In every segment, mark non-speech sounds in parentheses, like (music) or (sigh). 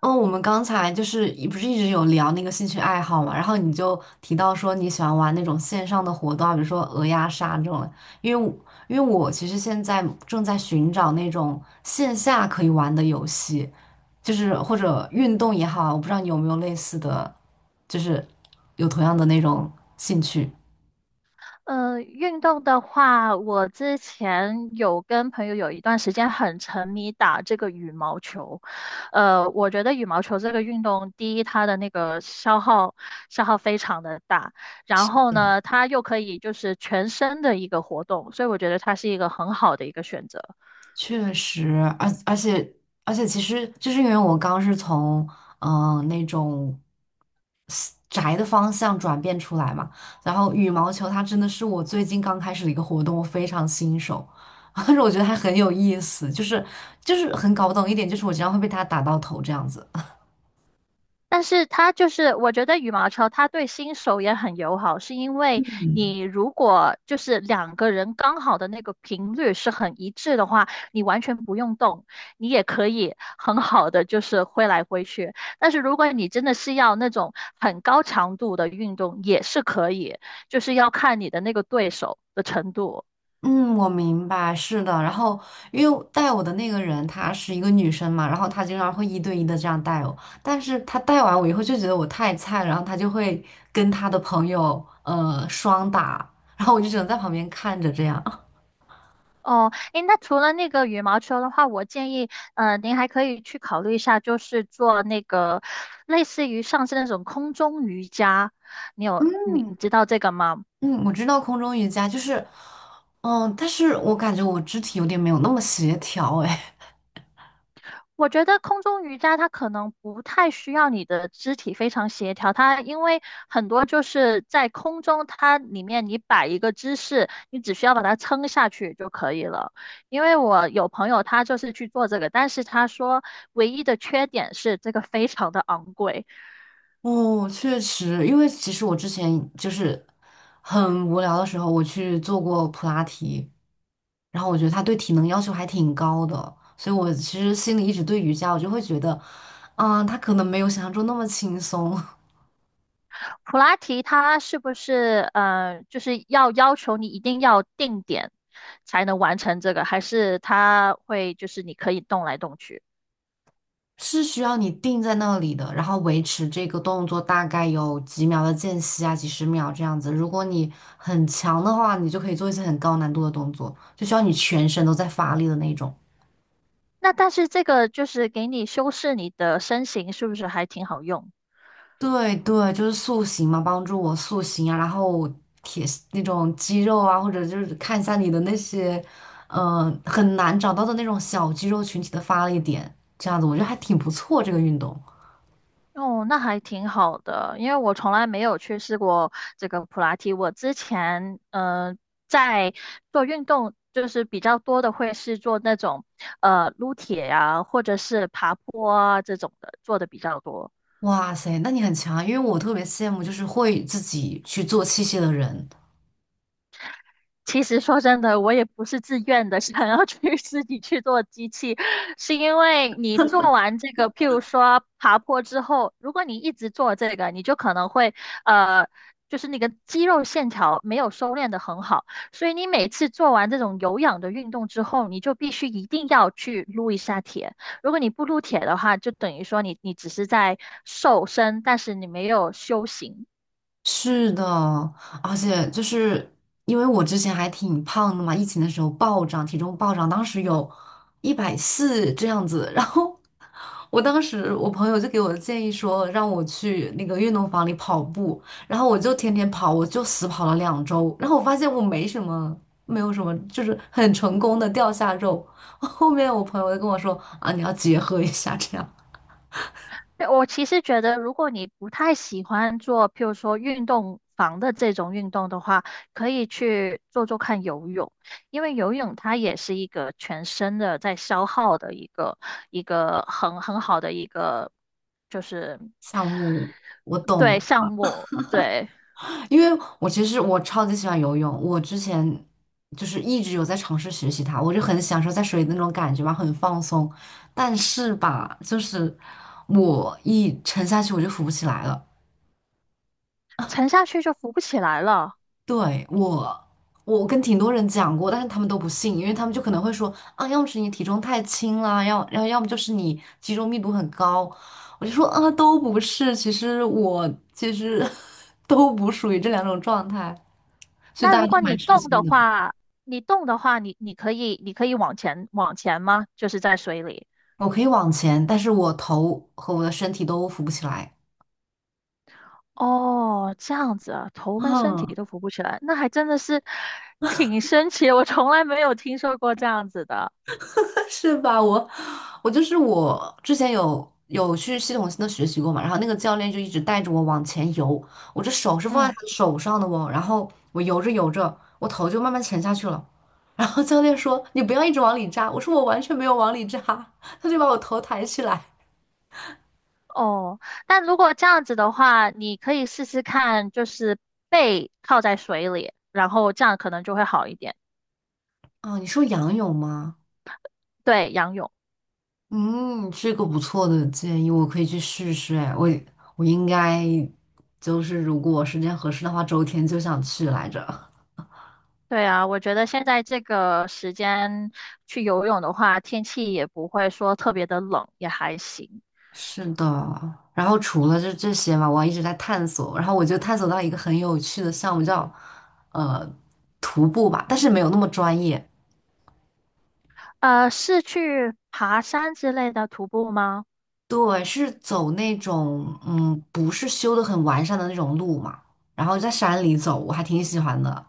哦，我们刚才是不是一直有聊那个兴趣爱好嘛，然后你就提到说你喜欢玩那种线上的活动啊，比如说鹅鸭杀这种的因为我因为我其实现在正在寻找那种线下可以玩的游戏，就是或者运动也好，我不知道你有没有类似的，就是有同样的那种兴趣。运动的话，我之前有跟朋友有一段时间很沉迷打这个羽毛球。我觉得羽毛球这个运动，第一，它的那个消耗非常的大，然后呢，它又可以就是全身的一个活动，所以我觉得它是一个很好的一个选择。确实，而而且而且，其实就是因为我刚是从那种 宅的方向转变出来嘛，然后羽毛球它真的是我最近刚开始的一个活动，我非常新手，(laughs) 但是我觉得还很有意思，很搞不懂一点，就是我经常会被它打到头这样子。但是它就是，我觉得羽毛球它对新手也很友好，是因为你如果就是两个人刚好的那个频率是很一致的话，你完全不用动，你也可以很好的就是挥来挥去。但是如果你真的是要那种很高强度的运动，也是可以，就是要看你的那个对手的程度。嗯，我明白，是的。然后，因为带我的那个人她是一个女生嘛，然后她经常会一对一的这样带我，但是她带完我以后就觉得我太菜了，然后她就会跟她的朋友双打，然后我就只能在旁边看着这样。哦，诶，那除了那个羽毛球的话，我建议，您还可以去考虑一下，就是做那个类似于上次那种空中瑜伽。你有，你你知道这个吗？嗯，我知道空中瑜伽就是，嗯，但是我感觉我肢体有点没有那么协调，哎。我觉得空中瑜伽它可能不太需要你的肢体非常协调，它因为很多就是在空中，它里面你摆一个姿势，你只需要把它撑下去就可以了。因为我有朋友他就是去做这个，但是他说唯一的缺点是这个非常的昂贵。(laughs) 哦，确实，因为其实我之前就是很无聊的时候，我去做过普拉提，然后我觉得他对体能要求还挺高的，所以我其实心里一直对瑜伽，我就会觉得，嗯，他可能没有想象中那么轻松。(laughs) 普拉提它是不是就是要求你一定要定点才能完成这个，还是它会就是你可以动来动去？是需要你定在那里的，然后维持这个动作大概有几秒的间隙啊，几十秒这样子。如果你很强的话，你就可以做一些很高难度的动作，就需要你全身都在发力的那种。那但是这个就是给你修饰你的身形，是不是还挺好用？对对，就是塑形嘛，帮助我塑形啊，然后铁那种肌肉啊，或者就是看一下你的那些，很难找到的那种小肌肉群体的发力点，这样子我觉得还挺不错这个运动。哦，那还挺好的，因为我从来没有去试过这个普拉提。我之前在做运动，就是比较多的会是做那种撸铁呀、或者是爬坡啊这种的，做的比较多。哇塞，那你很强啊，因为我特别羡慕就是会自己去做器械的人。其实说真的，我也不是自愿的，(laughs) 想要去 (laughs) 自己去做机器，是因为你做完这个，譬如说爬坡之后，如果你一直做这个，你就可能会呃，就是那个肌肉线条没有收敛的很好，所以你每次做完这种有氧的运动之后，你就必须一定要去撸一下铁。如果你不撸铁的话，就等于说你只是在瘦身，但是你没有修行。是的，而且就是因为我之前还挺胖的嘛，疫情的时候暴涨，体重暴涨，当时有140这样子。(laughs) 然后我当时我朋友就给我的建议说，让我去那个运动房里跑步，然后我就天天跑，我就死跑了2周，然后我发现我没什么，没有什么，就是很成功的掉下肉。(laughs) 后面我朋友就跟我说啊，你要结合一下这样对，我其实觉得，如果你不太喜欢做，譬如说运动房的这种运动的话，可以去做做看游泳，因为游泳它也是一个全身的在消耗的一个很好的一个就是项目。对项目，对，因为我其实超级喜欢游泳，我之前就是一直有在尝试学习它，我就很享受在水里的那种感觉吧，很放松。但是吧，就是我一沉下去我就浮不起来了。沉下去就浮不起来了。对，我，我跟挺多人讲过，但是他们都不信，因为他们就可能会说啊，要么是你体重太轻啦，要么就是你肌肉密度很高。我就说啊，都不是，其实我 (laughs) 都不属于这两种状态，所以那大家如都果蛮你吃动惊的的。话，你动的话，你可以往前吗？就是在水里。我可以往前，但是我头和我的身体都扶不起来。哦，这样子啊，头跟身嗯。体都浮不起来，那还真的是挺神奇的，我从来没有听说过这样子的。(laughs) 是吧？我就是我之前有去系统性的学习过嘛，然后那个教练就一直带着我往前游，我这手是放在嗯，他的手上的哦，然后我游着游着，我头就慢慢沉下去了。然后教练说："你不要一直往里扎。"我说："我完全没有往里扎。"他就把我头抬起来。哦，但如果这样子的话，你可以试试看，就是背靠在水里，然后这样可能就会好一点。啊，你说仰泳吗？对，仰泳。嗯，这个不错的建议，我可以去试试。哎，我应该就是如果时间合适的话，周天就想去来着。对啊，我觉得现在这个时间去游泳的话，天气也不会说特别的冷，也还行。(laughs) 是的，然后除了这些嘛，我还一直在探索，然后我就探索到一个很有趣的项目叫呃徒步吧，但是没有那么专业。是去爬山之类的徒步吗？对，是走那种不是修的很完善的那种路嘛，然后在山里走，我还挺喜欢的。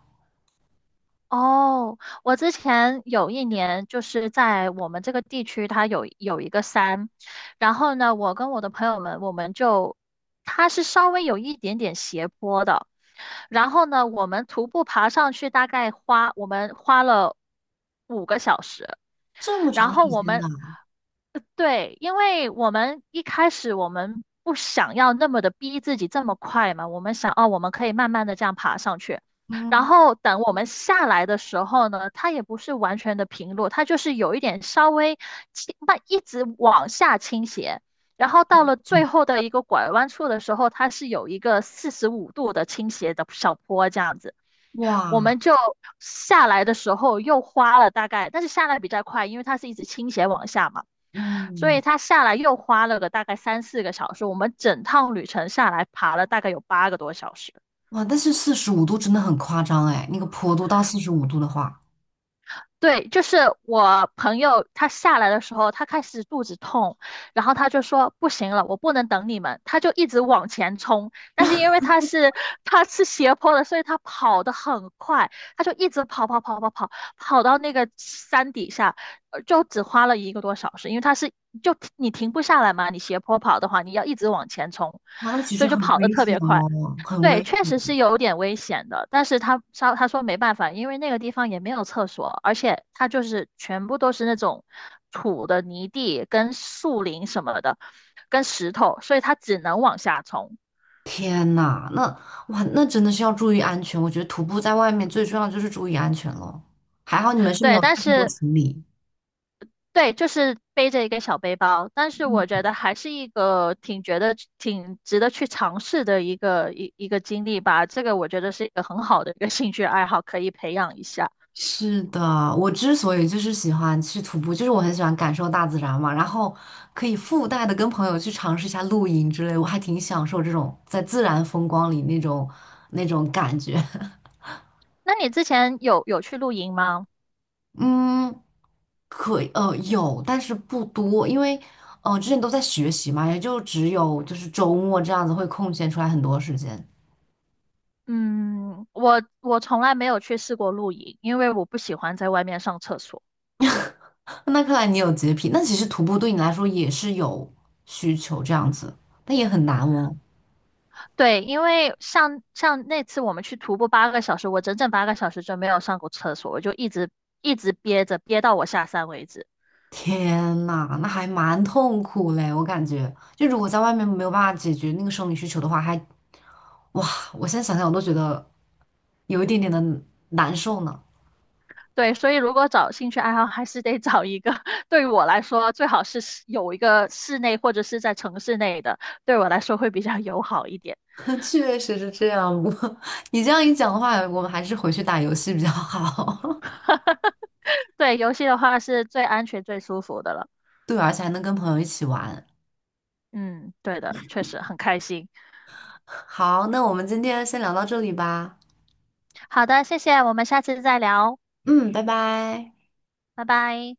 哦，我之前有一年就是在我们这个地区，它有一个山，然后呢，我跟我的朋友们，我们就它是稍微有一点点斜坡的，然后呢，我们徒步爬上去，大概我们花了5个小时。这么然长后时我间们，的。对，因为我们一开始我们不想要那么的逼自己这么快嘛，我们想哦，我们可以慢慢的这样爬上去。然嗯。后等我们下来的时候呢，它也不是完全的平路，它就是有一点稍微一直往下倾斜。然后到了最后的一个拐弯处的时候，它是有一个45度的倾斜的小坡这样子。我哇。们就下来的时候又花了大概，但是下来比较快，因为它是一直倾斜往下嘛，所以嗯。它下来又花了个大概三四个小时。我们整趟旅程下来爬了大概有8个多小时。哇，但是四十五度真的很夸张哎，那个坡度到四十五度的话，对，就是我朋友他下来的时候，他开始肚子痛，然后他就说不行了，我不能等你们，他就一直往前冲。但是因为他是斜坡的，所以他跑得很快，他就一直跑跑跑跑跑，跑到那个山底下，就只花了1个多小时，因为他是就你停不下来嘛，你斜坡跑的话，你要一直往前冲，哇，那其所实以就很跑得危特险别快。哦，很对，危确险。实是有点危险的，但是他说没办法，因为那个地方也没有厕所，而且它就是全部都是那种土的泥地跟树林什么的，跟石头，所以他只能往下冲。天呐，那，哇，那真的是要注意安全。我觉得徒步在外面最重要的就是注意安全咯。还好你们是没对，有但太多是行李。对，就是背着一个小背包，但是我觉得还是一个挺值得去尝试的一个经历吧。这个我觉得是一个很好的一个兴趣爱好，可以培养一下。是的，我之所以就是喜欢去徒步，就是我很喜欢感受大自然嘛，然后可以附带的跟朋友去尝试一下露营之类，我还挺享受这种在自然风光里那种感觉。(laughs) 那你之前有去露营吗？嗯，可以，有，但是不多，因为，之前都在学习嘛，也就只有就是周末这样子会空闲出来很多时间。嗯，我从来没有去试过露营，因为我不喜欢在外面上厕所。(laughs) 那看来你有洁癖，那其实徒步对你来说也是有需求这样子，但也很难哦。对，因为像那次我们去徒步八个小时，我整整八个小时就没有上过厕所，我就一直憋着，憋到我下山为止。天呐，那还蛮痛苦嘞，我感觉，就如果在外面没有办法解决那个生理需求的话，还，哇，我现在想想我都觉得有一点点的难受呢。对，所以如果找兴趣爱好，还是得找一个 (laughs) 对于我来说最好是室有一个室内或者是在城市内的，对我来说会比较友好一点。(laughs) 确实是这样，不过你这样一讲的话，我们还是回去打游戏比较好。(laughs) 对，游戏的话是最安全、最舒服的了。对，而且还能跟朋友一起玩。嗯，对的，确实很开心。好，那我们今天先聊到这里吧。好的，谢谢，我们下次再聊，嗯，拜拜。拜拜。